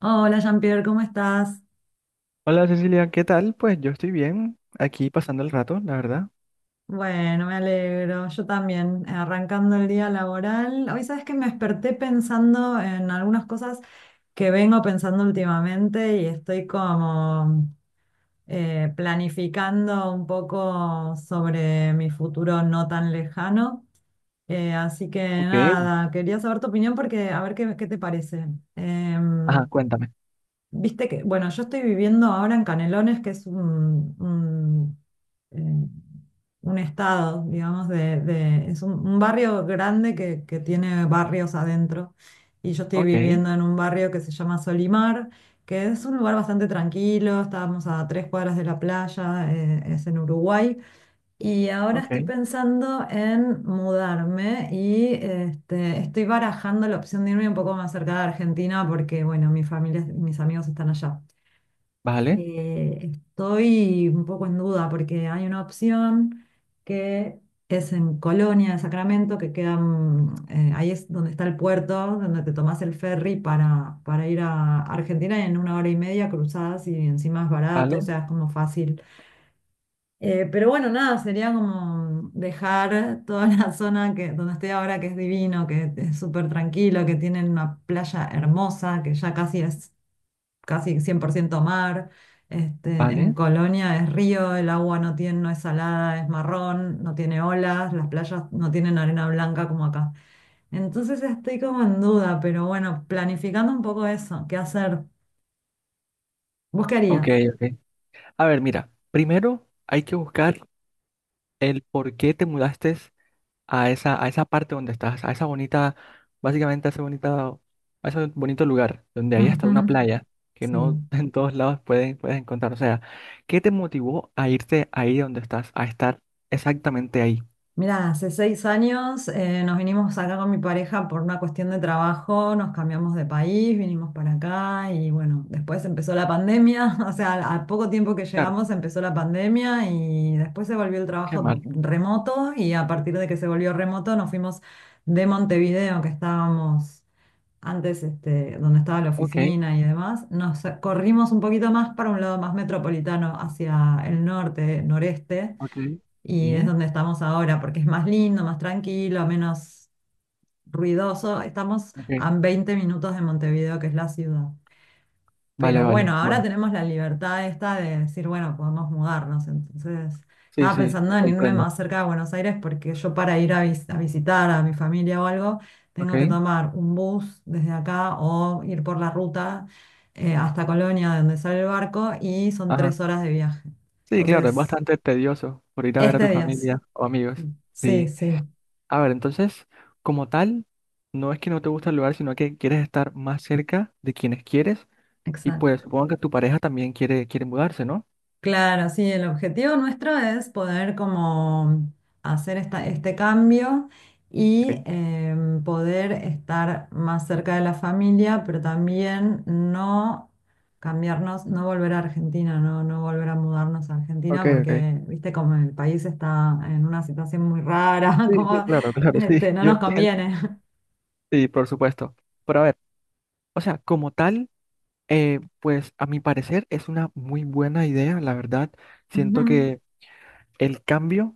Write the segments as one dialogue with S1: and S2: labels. S1: Hola Jean-Pierre, ¿cómo estás?
S2: Hola Cecilia, ¿qué tal? Pues yo estoy bien, aquí pasando el rato, la verdad.
S1: Bueno, me alegro. Yo también, arrancando el día laboral. Hoy sabes que me desperté pensando en algunas cosas que vengo pensando últimamente y estoy como planificando un poco sobre mi futuro no tan lejano. Así que
S2: Ok,
S1: nada, quería saber tu opinión porque a ver qué te parece.
S2: ajá,
S1: Em,
S2: cuéntame.
S1: Viste que, bueno, yo estoy viviendo ahora en Canelones, que es eh, un estado, digamos, es un barrio grande que tiene barrios adentro. Y yo estoy
S2: Ok,
S1: viviendo en un barrio que se llama Solimar, que es un lugar bastante tranquilo, estábamos a 3 cuadras de la playa, es en Uruguay. Y ahora estoy
S2: ok,
S1: pensando en mudarme y este, estoy barajando la opción de irme un poco más cerca de Argentina porque, bueno, mi familia, mis amigos están allá.
S2: vale,
S1: Estoy un poco en duda porque hay una opción que es en Colonia de Sacramento, que queda, ahí es donde está el puerto, donde te tomás el ferry para ir a Argentina y en una hora y media cruzadas y encima es barato, o
S2: vale,
S1: sea, es como fácil, pero bueno, nada, sería como dejar toda la zona donde estoy ahora, que es divino, que es súper tranquilo, que tienen una playa hermosa, que ya casi es casi 100% mar. Este, en
S2: vale.
S1: Colonia es río, el agua no es salada, es marrón, no tiene olas, las playas no tienen arena blanca como acá. Entonces estoy como en duda, pero bueno, planificando un poco eso, ¿qué hacer? ¿Vos qué
S2: Ok,
S1: harías?
S2: ok. A ver, mira, primero hay que buscar el por qué te mudaste a esa parte donde estás, a esa bonita, básicamente a ese bonita, a ese bonito lugar, donde hay hasta una
S1: Ujú,
S2: playa que
S1: sí.
S2: no en todos lados puedes encontrar. O sea, ¿qué te motivó a irte ahí donde estás, a estar exactamente ahí?
S1: Mira, hace 6 años nos vinimos acá con mi pareja por una cuestión de trabajo, nos cambiamos de país, vinimos para acá y bueno, después empezó la pandemia, o sea, a poco tiempo que
S2: Claro,
S1: llegamos empezó la pandemia y después se volvió el
S2: qué
S1: trabajo
S2: mal.
S1: remoto y a partir de que se volvió remoto nos fuimos de Montevideo, que estábamos antes, este, donde estaba la
S2: Ok.
S1: oficina y demás, nos corrimos un poquito más para un lado más metropolitano, hacia el norte, noreste
S2: Ok,
S1: y es
S2: sí,
S1: donde estamos ahora, porque es más lindo, más tranquilo, menos ruidoso. Estamos
S2: ok,
S1: a 20 minutos de Montevideo, que es la ciudad.
S2: vale,
S1: Pero bueno,
S2: vale,
S1: ahora
S2: bueno,
S1: tenemos la libertad esta de decir, bueno, podemos mudarnos. Entonces,
S2: sí,
S1: estaba
S2: sí,
S1: pensando
S2: te
S1: en irme
S2: comprendo,
S1: más cerca de Buenos Aires porque yo para ir a, a visitar a mi familia o algo, tengo que
S2: ok,
S1: tomar un bus desde acá o ir por la ruta hasta Colonia, de donde sale el barco, y son
S2: ajá,
S1: 3 horas de viaje.
S2: sí, claro, es
S1: Entonces,
S2: bastante tedioso por ir a ver a
S1: este
S2: tu
S1: día,
S2: familia o amigos.
S1: sí,
S2: Sí,
S1: sí.
S2: a ver, entonces, como tal, no es que no te gusta el lugar, sino que quieres estar más cerca de quienes quieres y pues
S1: Exacto.
S2: supongo que tu pareja también quiere mudarse, ¿no?
S1: Claro, sí, el objetivo nuestro es poder como hacer este cambio y
S2: Ok,
S1: poder estar más cerca de la familia, pero también no cambiarnos, no volver a Argentina, no, no volver a mudarnos a
S2: ok,
S1: Argentina,
S2: ok,
S1: porque, viste, como el país está en una situación muy rara,
S2: sí, sí,
S1: como
S2: claro, claro, sí,
S1: este, no
S2: yo
S1: nos
S2: entiendo,
S1: conviene.
S2: sí, por supuesto, pero a ver, o sea, como tal, pues a mi parecer es una muy buena idea, la verdad, siento
S1: Ujú.
S2: que el cambio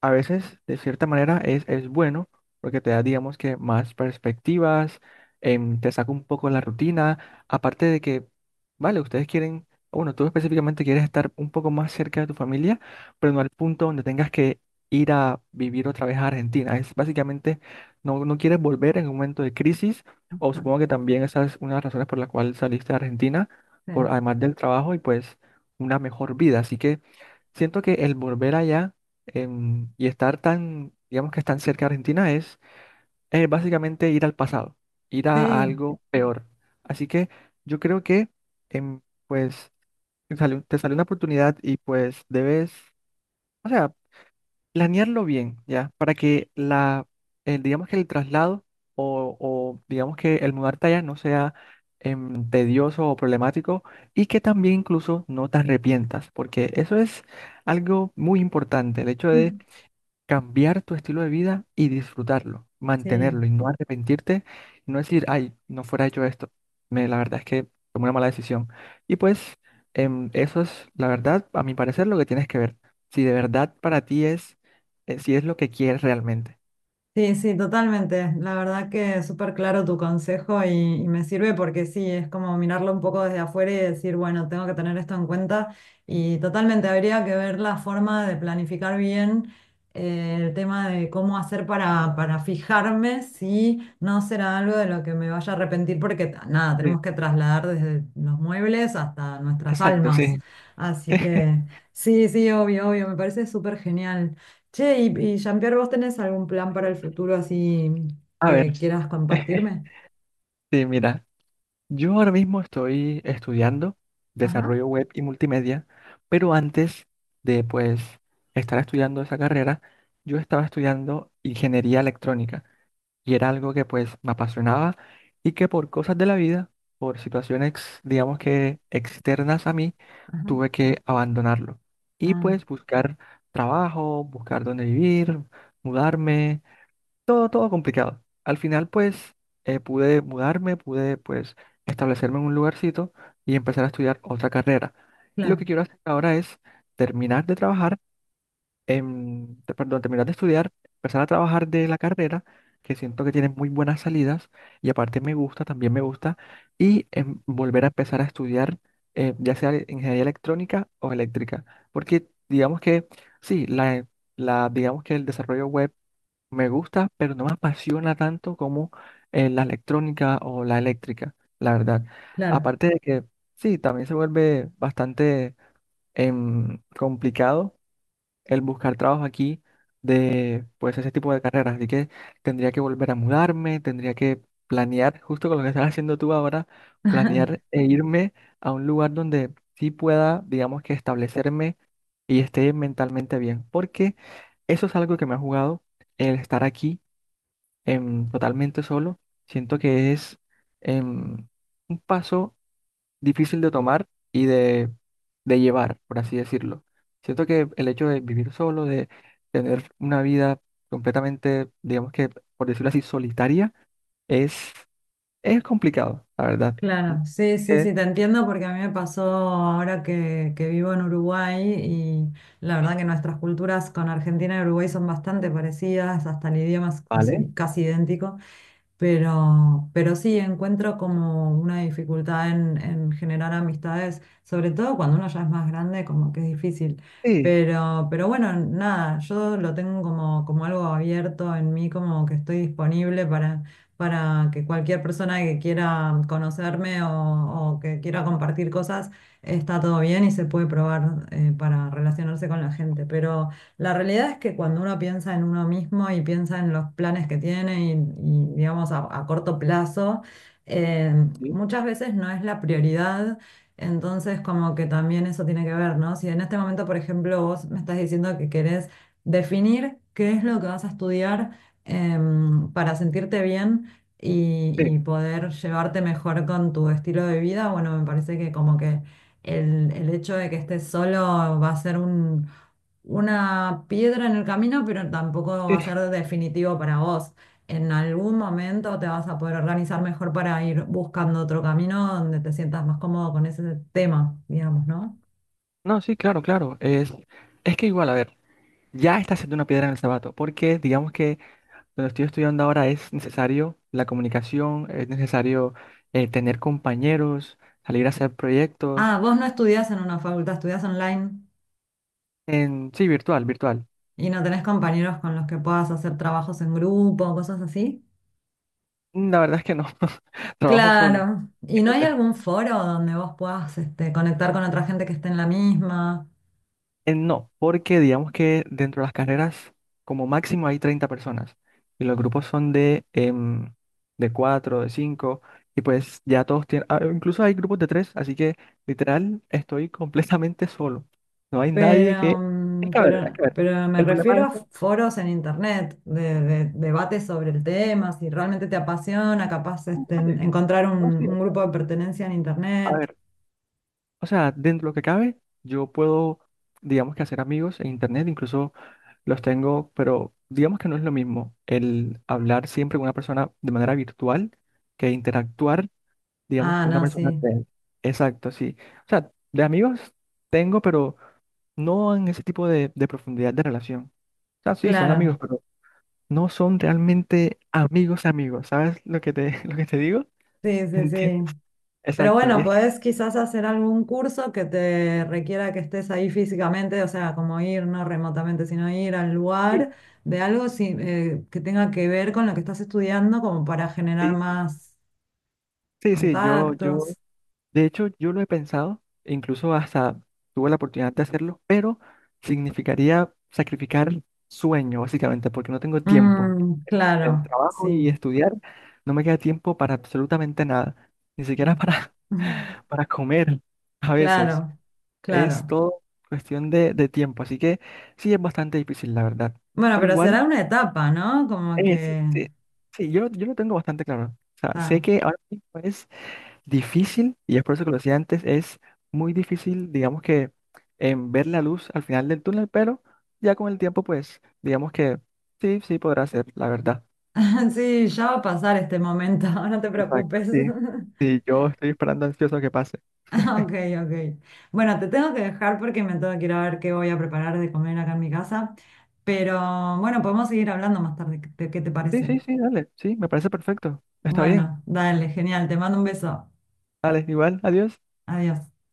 S2: a veces, de cierta manera, es bueno porque te da, digamos que, más perspectivas, te saca un poco la rutina, aparte de que, vale, ustedes quieren, bueno, tú específicamente quieres estar un poco más cerca de tu familia, pero no al punto donde tengas que ir a vivir otra vez a Argentina. Es básicamente, no quieres volver en un momento de crisis, o supongo que también esa es una de las razones por la cual saliste de Argentina,
S1: Sí,
S2: por, además del trabajo y pues una mejor vida. Así que... Siento que el volver allá y estar tan, digamos que tan cerca de Argentina es básicamente ir al pasado, ir a
S1: sí,
S2: algo peor. Así que yo creo que, em, pues, te sale una oportunidad y pues debes, o sea, planearlo bien, ¿ya? Para que digamos que el traslado o digamos que el mudarte allá no sea tedioso o problemático y que también incluso no te arrepientas, porque eso es algo muy importante, el hecho cambiar tu estilo de vida y disfrutarlo,
S1: sí.
S2: mantenerlo y no arrepentirte y no decir, ay, no fuera hecho esto. Me, la verdad es que tomé una mala decisión. Y pues eso es, la verdad, a mi parecer, lo que tienes que ver. Si de verdad para ti si es lo que quieres realmente.
S1: Sí, sí, totalmente. La verdad que es súper claro tu consejo y me sirve porque sí, es como mirarlo un poco desde afuera y decir, bueno, tengo que tener esto en cuenta y totalmente habría que ver la forma de planificar bien el tema de cómo hacer para fijarme si no será algo de lo que me vaya a arrepentir porque ta- nada,
S2: Sí,
S1: tenemos que trasladar desde los muebles hasta nuestras
S2: exacto,
S1: almas.
S2: sí.
S1: Así que sí, sí, obvio, obvio, me parece súper genial. Che, y Jean-Pierre, ¿vos tenés algún plan para el futuro así
S2: A ver,
S1: que quieras compartirme?
S2: sí, mira. Yo ahora mismo estoy estudiando
S1: Ajá,
S2: desarrollo web y multimedia, pero antes de pues estar estudiando esa carrera, yo estaba estudiando ingeniería electrónica y era algo que pues me apasionaba y que por cosas de la vida, por situaciones digamos que externas a mí,
S1: ajá.
S2: tuve que abandonarlo y
S1: Ah,
S2: pues buscar trabajo, buscar dónde vivir, mudarme todo, todo complicado. Al final, pues, pude mudarme, pude, pues, establecerme en un lugarcito y empezar a estudiar otra carrera. Y lo
S1: claro,
S2: que quiero hacer ahora es terminar de trabajar, perdón, terminar de estudiar, empezar a trabajar de la carrera, que siento que tiene muy buenas salidas y aparte me gusta, también me gusta, y volver a empezar a estudiar, ya sea ingeniería electrónica o eléctrica, porque digamos que, sí, la, digamos que el desarrollo web me gusta, pero no me apasiona tanto como la electrónica o la eléctrica, la verdad.
S1: claro,
S2: Aparte de que, sí, también se vuelve bastante complicado el buscar trabajo aquí de, pues, ese tipo de carreras. Así que tendría que volver a mudarme, tendría que planear, justo con lo que estás haciendo tú ahora, planear e irme a un lugar donde sí pueda, digamos que establecerme y esté mentalmente bien. Porque eso es algo que me ha jugado el estar aquí totalmente solo, siento que es em, un paso difícil de tomar y de llevar, por así decirlo. Siento que el hecho de vivir solo, de tener una vida completamente, digamos que, por decirlo así, solitaria, es, es complicado, la verdad.
S1: claro. Sí,
S2: Así
S1: sí,
S2: que,
S1: sí, te entiendo porque a mí me pasó ahora que vivo en Uruguay y la verdad que nuestras culturas con Argentina y Uruguay son bastante parecidas, hasta el idioma es
S2: vale,
S1: casi, casi idéntico. Pero sí, encuentro como una dificultad en generar amistades, sobre todo cuando uno ya es más grande, como que es difícil.
S2: sí,
S1: Pero bueno, nada, yo lo tengo como algo abierto en mí, como que estoy disponible para que cualquier persona que quiera conocerme o que quiera compartir cosas, está todo bien y se puede probar para relacionarse con la gente. Pero la realidad es que cuando uno piensa en uno mismo y piensa en los planes que tiene digamos, a corto plazo, eh,
S2: sí,
S1: muchas veces no es la prioridad. Entonces, como que también eso tiene que ver, ¿no? Si en este momento, por ejemplo, vos me estás diciendo que querés definir qué es lo que vas a estudiar para sentirte bien y,
S2: sí,
S1: y poder llevarte mejor con tu estilo de vida, bueno, me parece que como que el hecho de que estés solo va a ser un una piedra en el camino, pero tampoco va a
S2: sí.
S1: ser definitivo para vos. En algún momento te vas a poder organizar mejor para ir buscando otro camino donde te sientas más cómodo con ese tema, digamos, ¿no?
S2: No, sí, claro, claro. Es que igual, a ver, ya está siendo una piedra en el zapato, porque digamos que donde estoy estudiando ahora es necesario la comunicación, es necesario tener compañeros, salir a hacer proyectos,
S1: Ah, vos no estudiás en una facultad, estudiás online
S2: en sí, virtual.
S1: y no tenés compañeros con los que puedas hacer trabajos en grupo, cosas así.
S2: La verdad es que no, trabajo solo,
S1: Claro. ¿Y no hay
S2: imagínate.
S1: algún foro donde vos puedas este, conectar con otra gente que esté en la misma?
S2: No, porque digamos que dentro de las carreras como máximo hay 30 personas y los grupos son de, de 4 de 5 y pues ya todos tienen, ah, incluso hay grupos de 3 así que literal estoy completamente solo. No hay nadie que...
S1: Pero,
S2: Es que a ver, es
S1: pero,
S2: que a ver.
S1: pero me
S2: El problema
S1: refiero
S2: es
S1: a foros en internet, de debates sobre el tema, si realmente te apasiona, capaz este,
S2: vale.
S1: encontrar un,
S2: No, sí, o
S1: un
S2: sea,
S1: grupo de pertenencia en
S2: a
S1: internet.
S2: ver, o sea, dentro de lo que cabe, yo puedo, digamos que hacer amigos en internet, incluso los tengo, pero digamos que no es lo mismo el hablar siempre con una persona de manera virtual que interactuar, digamos,
S1: Ah,
S2: con una
S1: no, sí,
S2: persona real. Exacto, sí. O sea, de amigos tengo, pero no en ese tipo de profundidad de relación. O sea, sí, son amigos,
S1: claro,
S2: pero no son realmente amigos amigos. ¿Sabes lo que te, lo que te digo?
S1: sí, sí,
S2: ¿Entiendes?
S1: sí. Pero
S2: Exacto. Y
S1: bueno,
S2: es que
S1: podés quizás hacer algún curso que te requiera que estés ahí físicamente, o sea, como ir, no remotamente, sino ir al
S2: sí,
S1: lugar de algo que tenga que ver con lo que estás estudiando, como para generar
S2: sí,
S1: más
S2: sí, sí, yo,
S1: contactos.
S2: de hecho, yo lo he pensado, e incluso hasta tuve la oportunidad de hacerlo, pero significaría sacrificar sueño, básicamente, porque no tengo tiempo.
S1: Mm,
S2: El
S1: claro,
S2: trabajo
S1: sí.
S2: y estudiar no me queda tiempo para absolutamente nada, ni siquiera
S1: Mm.
S2: para,
S1: Ujú.
S2: para comer a veces.
S1: Claro,
S2: Es
S1: claro.
S2: todo cuestión de tiempo, así que sí es bastante difícil, la verdad.
S1: Bueno,
S2: Pero
S1: pero
S2: igual,
S1: será una etapa, ¿no? Como
S2: sí,
S1: que...
S2: sí, sí, yo lo tengo bastante claro. O sea, sé
S1: ta.
S2: que ahora mismo difícil, y es por eso que lo decía antes, es muy difícil, digamos que, en ver la luz al final del túnel, pero ya con el tiempo, pues, digamos que sí, sí podrá ser, la verdad.
S1: Sí, ya va a pasar este momento, no te
S2: Exacto,
S1: preocupes.
S2: sí. Sí, yo estoy esperando ansioso que pase.
S1: Ok, ok. Bueno, te tengo que dejar porque me tengo que ir a ver qué voy a preparar de comer acá en mi casa. Pero bueno, podemos seguir hablando más tarde. ¿Qué te
S2: Sí, sí,
S1: parece?
S2: sí, dale, sí, me parece perfecto. Está bien.
S1: Bueno, dale, genial. Te mando un beso.
S2: Dale, igual, adiós.
S1: Adiós.